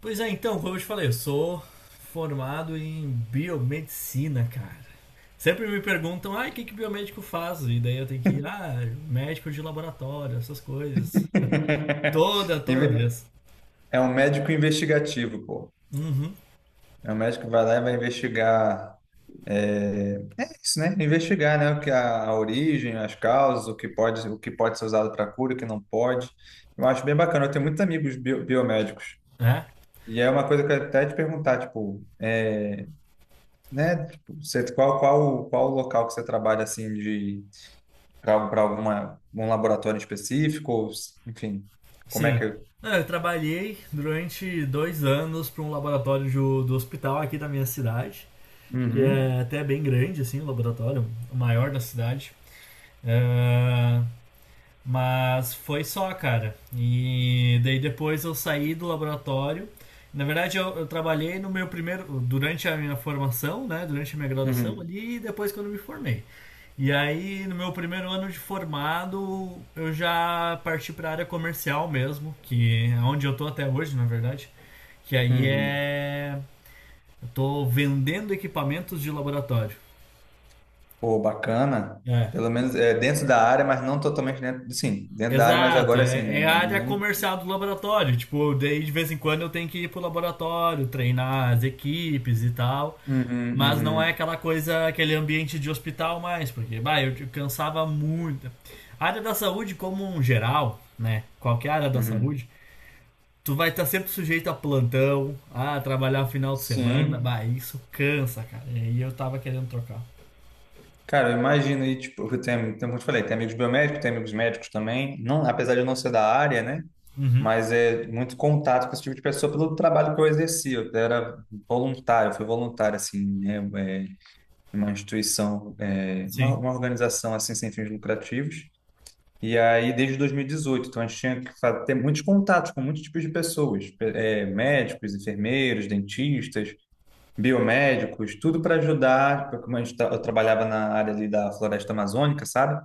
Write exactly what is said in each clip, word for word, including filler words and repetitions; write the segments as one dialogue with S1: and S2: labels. S1: Pois é, então, como eu te falei, eu sou formado em biomedicina, cara. Sempre me perguntam, ah, o que que biomédico faz? E daí eu tenho que ir, ah, médico de laboratório, essas coisas. Toda, toda
S2: Inve-
S1: vez.
S2: É um médico investigativo, pô.
S1: Uhum,
S2: É um médico que vai lá e vai investigar é isso, né? Investigar, né? O que é a, a origem, as causas, o que pode, o que pode ser usado para cura, o que não pode. Eu acho bem bacana. Eu tenho muitos amigos bio- biomédicos.
S1: é,
S2: E é uma coisa que eu ia até te perguntar, tipo, é, né? Tipo, você, qual, qual, qual o local que você trabalha assim de para para alguma um laboratório específico, ou, s- enfim, como é que?
S1: sim.
S2: É?
S1: Ah, eu trabalhei durante dois anos para um laboratório do, do hospital aqui da minha cidade, que
S2: Uhum,
S1: é até bem grande, assim, o laboratório, o maior da cidade. É, mas foi só, cara. E daí depois eu saí do laboratório. Na verdade, eu, eu trabalhei no meu primeiro. Durante a minha formação, né? Durante a minha graduação
S2: uhum,
S1: ali e depois quando eu me formei. E aí, no meu primeiro ano de formado, eu já parti para a área comercial mesmo, que é onde eu tô até hoje, na verdade. Que aí
S2: uhum.
S1: é. Eu tô vendendo equipamentos de laboratório.
S2: Pô, bacana.
S1: É.
S2: Pelo menos é, dentro da área, mas não totalmente dentro. Sim, dentro da área, mas
S1: Exato,
S2: agora assim
S1: é,
S2: né?
S1: é a área
S2: Não.
S1: comercial do laboratório. Tipo, daí de vez em quando eu tenho que ir pro laboratório, treinar as equipes e tal.
S2: Uhum,
S1: Mas não é
S2: uhum,
S1: aquela coisa, aquele ambiente de hospital mais, porque bah, eu te- cansava muito. A área da saúde, como um geral, né? Qualquer área da
S2: uhum.
S1: saúde, tu vai estar sempre sujeito a plantão, a trabalhar final de semana.
S2: Sim.
S1: Bah, isso cansa, cara. E aí eu tava querendo trocar.
S2: Cara, eu imagino aí, tipo, eu tenho, tem, como eu te falei, tem amigos biomédicos, tem amigos médicos também. Não, apesar de eu não ser da área, né?
S1: Uhum,
S2: Mas é muito contato com esse tipo de pessoa pelo trabalho que eu exerci. Eu era voluntário, eu fui voluntário, assim, né? É, em uma instituição, é,
S1: sim.
S2: uma, uma organização, assim, sem fins lucrativos. E aí, desde dois mil e dezoito, então a gente tinha que fa- ter muitos contatos com muitos tipos de pessoas, pe- eh, médicos, enfermeiros, dentistas, biomédicos, tudo para ajudar, porque como a gente, tra- eu trabalhava na área ali da floresta amazônica, sabe?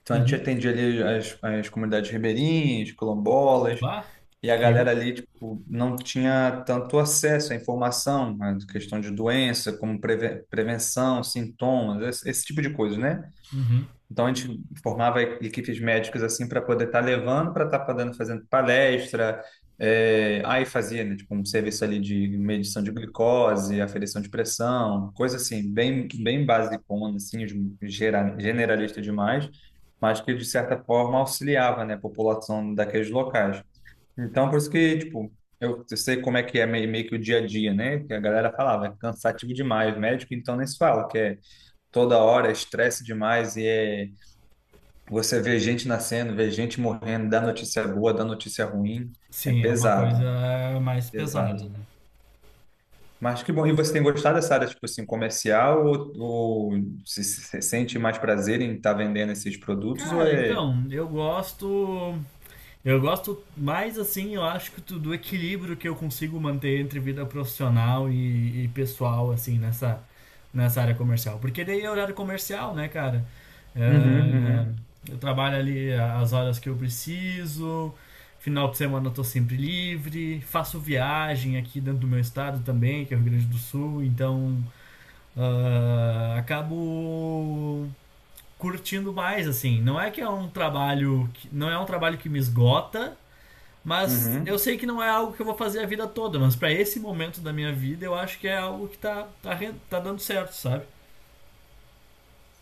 S2: Então a gente
S1: Uhum.
S2: atendia ali as, as comunidades ribeirinhas, quilombolas,
S1: Bah,
S2: e a
S1: que.
S2: galera
S1: ro-
S2: ali, tipo, não tinha tanto acesso à informação, né, de questão de doença, como preve- prevenção, sintomas, esse, esse tipo de coisa, né?
S1: uhum.
S2: Então a gente formava equipes médicas assim para poder estar levando, para estar podendo fazendo palestra. É, aí fazia, né, tipo, um serviço ali de medição de glicose, aferição de pressão, coisa assim, bem, bem basicona, assim, de- gera- generalista demais, mas que de certa forma auxiliava, né, a população daqueles locais. Então, por isso que, tipo, eu, eu sei como é que é meio, meio que o dia a dia, né, que a galera falava, é cansativo demais, médico então nem se fala, que é toda hora, é estresse demais e é você vê gente nascendo, vê gente morrendo, dá notícia boa, dá notícia ruim. É
S1: Sim, é uma
S2: pesado,
S1: coisa mais
S2: pesado.
S1: pesada, né?
S2: Mas que bom. E você tem gostado dessa área, tipo assim, comercial? Ou, ou se, se- se sente mais prazer em estar vendendo esses produtos? Ou
S1: Cara,
S2: é.
S1: então, eu gosto. Eu gosto mais assim, eu acho que tu- do equilíbrio que eu consigo manter entre vida profissional e, e pessoal, assim, nessa, nessa área comercial. Porque daí é horário comercial, né, cara?
S2: Uhum,
S1: É,
S2: uhum,
S1: eu trabalho ali as horas que eu preciso, final de semana eu tô sempre livre, faço viagem aqui dentro do meu estado também, que é o Rio Grande do Sul, então ah, acabo curtindo mais, assim. Não é que é um trabalho. Que- não é um trabalho que me esgota, mas eu
S2: uhum.
S1: sei que não é algo que eu vou fazer a vida toda. Mas para esse momento da minha vida, eu acho que é algo que tá, tá, tá dando certo, sabe?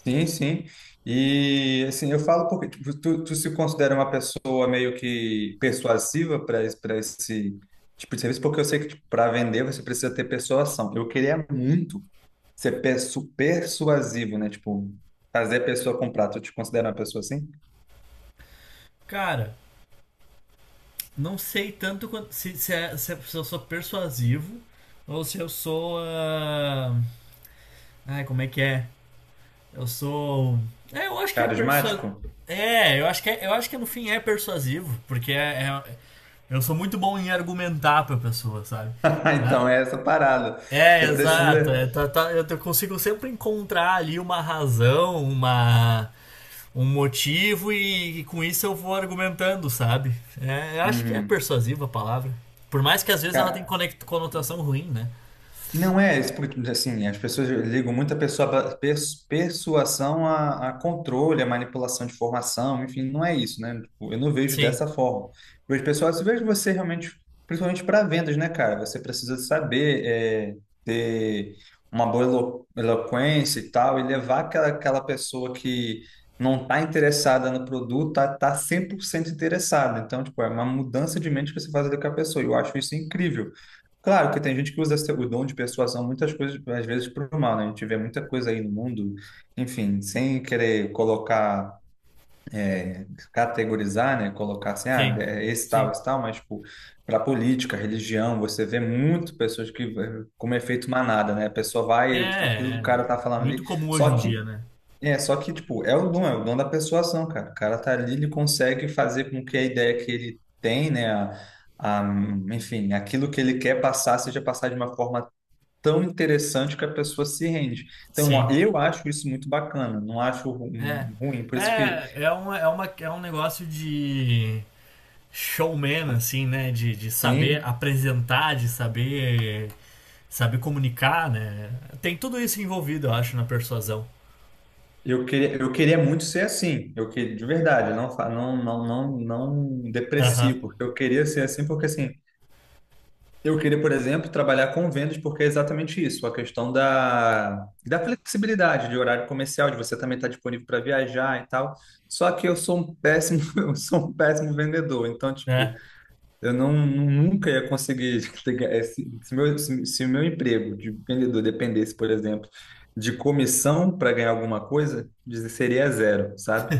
S2: Sim, sim. E assim, eu falo porque tipo, tu, tu se considera uma pessoa meio que persuasiva para esse, para esse tipo de serviço, porque eu sei que para vender você precisa ter persuasão. Eu queria muito ser persu- persuasivo, né? Tipo, fazer a pessoa comprar. Tu te considera uma pessoa assim?
S1: Cara, não sei tanto quanto, se, se, é- se é- se eu sou persuasivo ou se eu sou. Ah, Ai, como é que é? Eu sou. É, eu acho que é persuasivo.
S2: Carismático?
S1: É, eu acho que é, eu acho que no fim é persuasivo, porque é, é- eu sou muito bom em argumentar pra pessoa, sabe? Na-
S2: Então é essa parada.
S1: É,
S2: Você
S1: exato.
S2: precisa.
S1: É, tá- tá- eu te- consigo sempre encontrar ali uma razão, uma, um motivo e, e com isso eu vou argumentando, sabe? É, eu acho que é
S2: Uhum.
S1: persuasiva a palavra. Por mais que às vezes ela tenha
S2: Ca-
S1: conect- conotação ruim, né?
S2: Não é, isso porque, assim, as pessoas ligam muito a pessoa, pra- pers- persuasão a, a controle, a manipulação de informação, enfim, não é isso, né? Tipo, eu não vejo
S1: Sim,
S2: dessa forma. Eu vejo, pessoal, se vejo você realmente, principalmente para vendas, né, cara? Você precisa saber é, ter uma boa elo- eloquência e tal, e levar aquela, aquela pessoa que não está interessada no produto, tá, tá cem por cento interessada. Então, tipo, é uma mudança de mente que você faz ali com a pessoa, e eu acho isso incrível. Claro que tem gente que usa o dom de persuasão muitas coisas, às vezes, para o mal, né? A gente vê muita coisa aí no mundo, enfim, sem querer colocar, é, categorizar, né? Colocar assim, ah,
S1: sim,
S2: é esse
S1: sim.
S2: tal, esse tal, mas, tipo, para política, religião, você vê muito pessoas que, eh, como efeito manada, né? A pessoa
S1: É,
S2: vai, aquilo que o
S1: é
S2: cara tá falando ali,
S1: muito comum
S2: só
S1: hoje em
S2: que
S1: dia, né?
S2: é, só que, tipo, é o dom, é o dom da persuasão, cara. O cara tá ali, ele consegue fazer com que a ideia que ele tem, né, a, a- enfim, aquilo que ele quer passar seja passar de uma forma tão interessante que a pessoa se rende. Então, ó,
S1: Sim.
S2: eu acho isso muito bacana, não acho ru-
S1: É.
S2: um- ruim. Por isso que,
S1: É, é, um, é, uma, é um negócio de showman, assim, né? De, de saber
S2: sim,
S1: apresentar, de saber, saber comunicar, né? Tem tudo isso envolvido, eu acho, na persuasão.
S2: eu queria, eu queria muito ser assim. Eu queria, de verdade, eu não, fa- não, não, não, não
S1: Aham.
S2: deprecio, porque eu queria ser assim, porque assim. Eu queria, por exemplo, trabalhar com vendas porque é exatamente isso, a questão da, da flexibilidade de horário comercial, de você também estar disponível para viajar e tal. Só que eu sou um péssimo, eu sou um péssimo vendedor, então, tipo,
S1: É,
S2: eu não, nunca ia conseguir pegar esse- se meu, se, se o meu emprego de vendedor dependesse, por exemplo, de comissão para ganhar alguma coisa, dizer seria zero, sabe?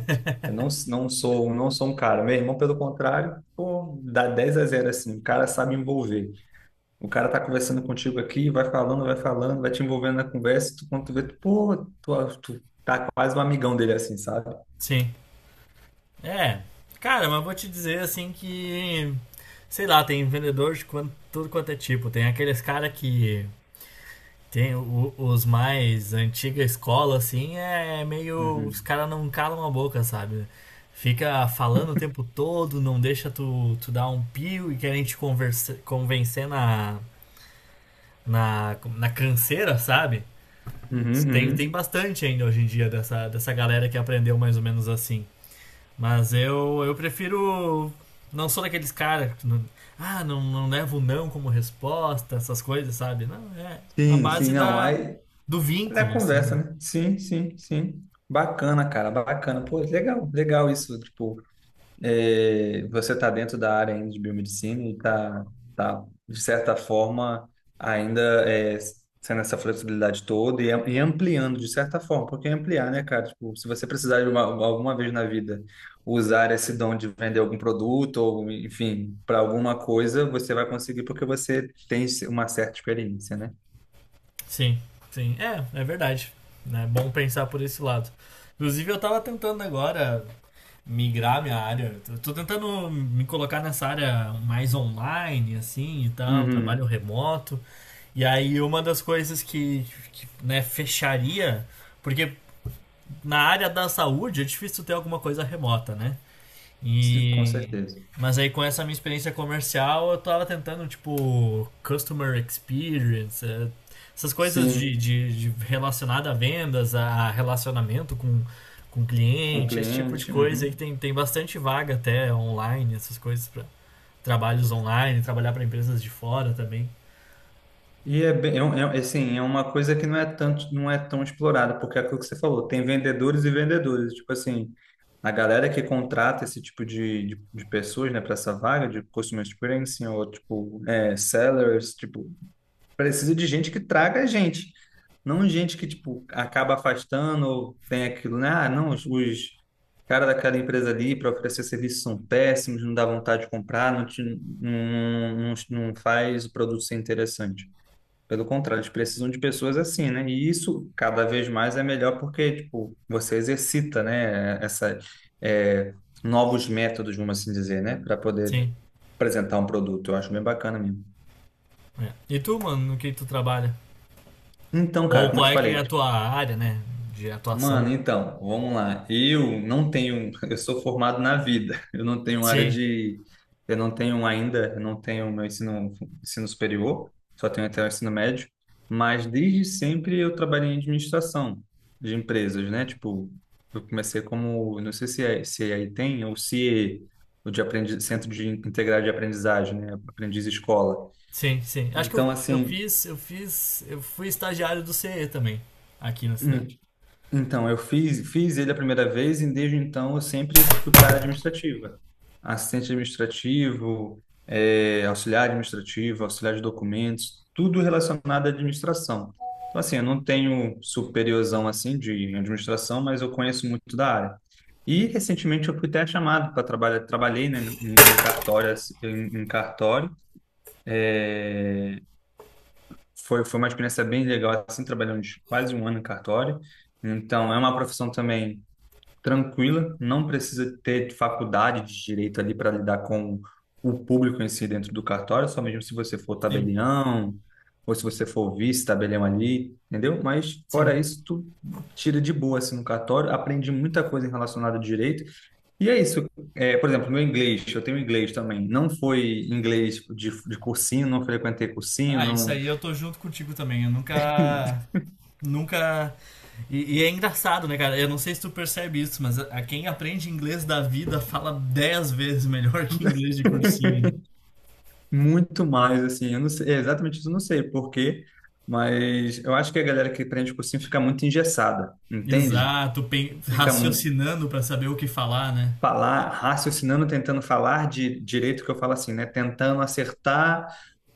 S2: Eu não, não sou, não sou um cara. Meu irmão, pelo contrário, pô, dá dez a zero assim, o cara sabe envolver. O cara tá conversando contigo aqui, vai falando, vai falando, vai te envolvendo na conversa, tu, quando tu vê, tu, pô, tu, tu tá quase um amigão dele assim, sabe?
S1: sim. É. Cara, mas vou te dizer, assim, que. Sei lá, tem vendedor de quanto- tudo quanto é tipo. Tem aqueles cara que tem o- os mais antiga escola, assim, é é meio. Os
S2: Uhum.
S1: caras não calam a boca, sabe? Fica falando o tempo todo, não deixa tu, tu dar um pio e querem te conversa, convencer na, na, na canseira, sabe?
S2: Uhum,
S1: Tem, tem
S2: uhum.
S1: bastante ainda hoje em dia dessa, dessa galera que aprendeu mais ou menos assim. Mas eu, eu prefiro. Não sou daqueles caras que não, ah, não, não levo não como resposta, essas coisas, sabe? Não, é na
S2: Sim, sim,
S1: base
S2: não,
S1: da,
S2: aí
S1: do
S2: é
S1: vínculo, assim.
S2: conversa, né? Sim, sim, sim. Bacana, cara, bacana. Pô, legal, legal isso, tipo, é, você está dentro da área ainda de biomedicina e está, tá, tá, de certa forma, ainda é, sendo essa flexibilidade toda e, am- e ampliando, de certa forma, porque ampliar, né, cara? Tipo, se você precisar de uma, alguma vez na vida usar esse dom de vender algum produto ou, enfim, para alguma coisa, você vai conseguir porque você tem uma certa experiência, né?
S1: Sim, sim. É, é verdade. É bom pensar por esse lado. Inclusive, eu tava tentando agora migrar minha área. Eu tô tentando me colocar nessa área mais online, assim, e tal, trabalho
S2: Uhum.
S1: remoto. E aí, uma das coisas que, que né, fecharia, porque na área da saúde é difícil ter alguma coisa remota, né?
S2: Sim, com
S1: E
S2: certeza.
S1: mas aí com essa minha experiência comercial eu tava tentando tipo customer experience, eh, essas coisas de,
S2: Sim,
S1: de, de relacionada a vendas, a relacionamento com com
S2: com
S1: cliente, esse tipo de
S2: cliente.
S1: coisa aí
S2: Uhum.
S1: que tem, tem bastante vaga até online, essas coisas para trabalhos online, trabalhar para empresas de fora também.
S2: E é bem, é, um- é, assim, é uma coisa que não é tanto, não é tão explorada, porque é aquilo que você falou, tem vendedores e vendedores, tipo assim, a galera que contrata esse tipo de, de, de pessoas, né, para essa vaga de customer experience ou tipo é, sellers, tipo, precisa de gente que traga gente, não gente que tipo acaba afastando ou tem aquilo, né? Ah, não, os, os cara daquela empresa ali para oferecer serviço são péssimos, não dá vontade de comprar, não, te, não, não, não faz o produto ser interessante. Pelo contrário, eles precisam de pessoas assim, né? E isso cada vez mais é melhor porque, tipo, você exercita, né? Essa, é, novos métodos, vamos assim dizer, né? Para poder
S1: Sim.
S2: apresentar um produto. Eu acho bem bacana mesmo.
S1: É. E tu, mano, no que tu trabalha?
S2: Então, cara,
S1: Ou
S2: como eu
S1: qual
S2: te
S1: é que
S2: falei,
S1: é a tua área, né, de atuação?
S2: mano, então, vamos lá. Eu não tenho, eu sou formado na vida. Eu não tenho área
S1: Sim.
S2: de, eu não tenho ainda, eu não tenho meu ensino, ensino superior, só tenho até o ensino médio. Mas desde sempre eu trabalhei em administração de empresas, né? Tipo, eu comecei como, não sei se é, se é aí tem ou se é o de aprendiz, centro de integrado de aprendizagem, né? Aprendiz escola.
S1: Sim, sim. Acho que eu,
S2: Então,
S1: eu
S2: assim,
S1: fiz, eu fiz, eu fui estagiário do C E também, aqui na
S2: hum,
S1: cidade.
S2: então, eu fiz, fiz ele a primeira vez e desde então eu sempre fui para a área administrativa. Assistente administrativo, eh, auxiliar administrativo, auxiliar de documentos, tudo relacionado à administração. Então, assim, eu não tenho superiorzão assim de administração, mas eu conheço muito da área. E recentemente eu fui até chamado para trabalhar, trabalhei, né, em, em cartório, assim, em, em cartório. Foi, foi uma experiência bem legal, assim, trabalhando quase um ano em cartório. Então, é uma profissão também tranquila, não precisa ter faculdade de direito ali para lidar com o público em si dentro do cartório, só mesmo se você for
S1: Sim,
S2: tabelião ou se você for vice-tabelião ali, entendeu? Mas
S1: sim.
S2: fora isso, tu tira de boa assim no cartório, aprendi muita coisa relacionada ao direito. E é isso. É, por exemplo, meu inglês, eu tenho inglês também. Não foi inglês tipo, de, de cursinho, não frequentei cursinho,
S1: Ah, isso
S2: não.
S1: aí eu tô junto contigo também. Eu nunca, nunca. E, e é engraçado, né, cara? Eu não sei se tu percebe isso, mas a, a quem aprende inglês da vida fala dez vezes melhor que inglês de cursinho.
S2: Muito mais, assim, eu não sei, é, exatamente isso, eu não sei por quê, mas eu acho que a galera que prende cursinho fica muito engessada, entende?
S1: Exato, pen-
S2: Fica, mu-
S1: raciocinando pra saber o que falar, né?
S2: falar, raciocinando, tentando falar de direito que eu falo assim, né? Tentando acertar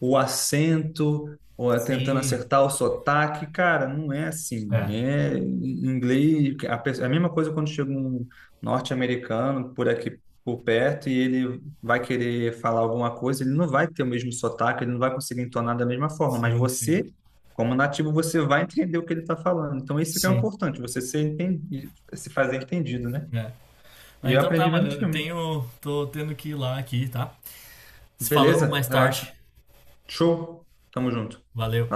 S2: o acento, ou é tentando
S1: Sim.
S2: acertar o sotaque, cara, não é assim.
S1: É.
S2: É em inglês, a, pe- a mesma coisa quando chega um norte-americano por aqui por perto e ele vai querer falar alguma coisa, ele não vai ter o mesmo sotaque, ele não vai conseguir entonar da mesma forma, mas
S1: Sim, sim.
S2: você como nativo, você vai entender o que ele está falando. Então, isso que é o
S1: Sim.
S2: importante, você ser enten- se fazer entendido, né?
S1: É. Ah,
S2: E eu
S1: então tá,
S2: aprendi
S1: mano.
S2: vendo
S1: Eu
S2: filme.
S1: tenho. Tô tendo que ir lá aqui, tá? Se falamos
S2: Beleza?
S1: mais tarde.
S2: Relaxa. Show. Tamo junto. Vai lá.
S1: Valeu.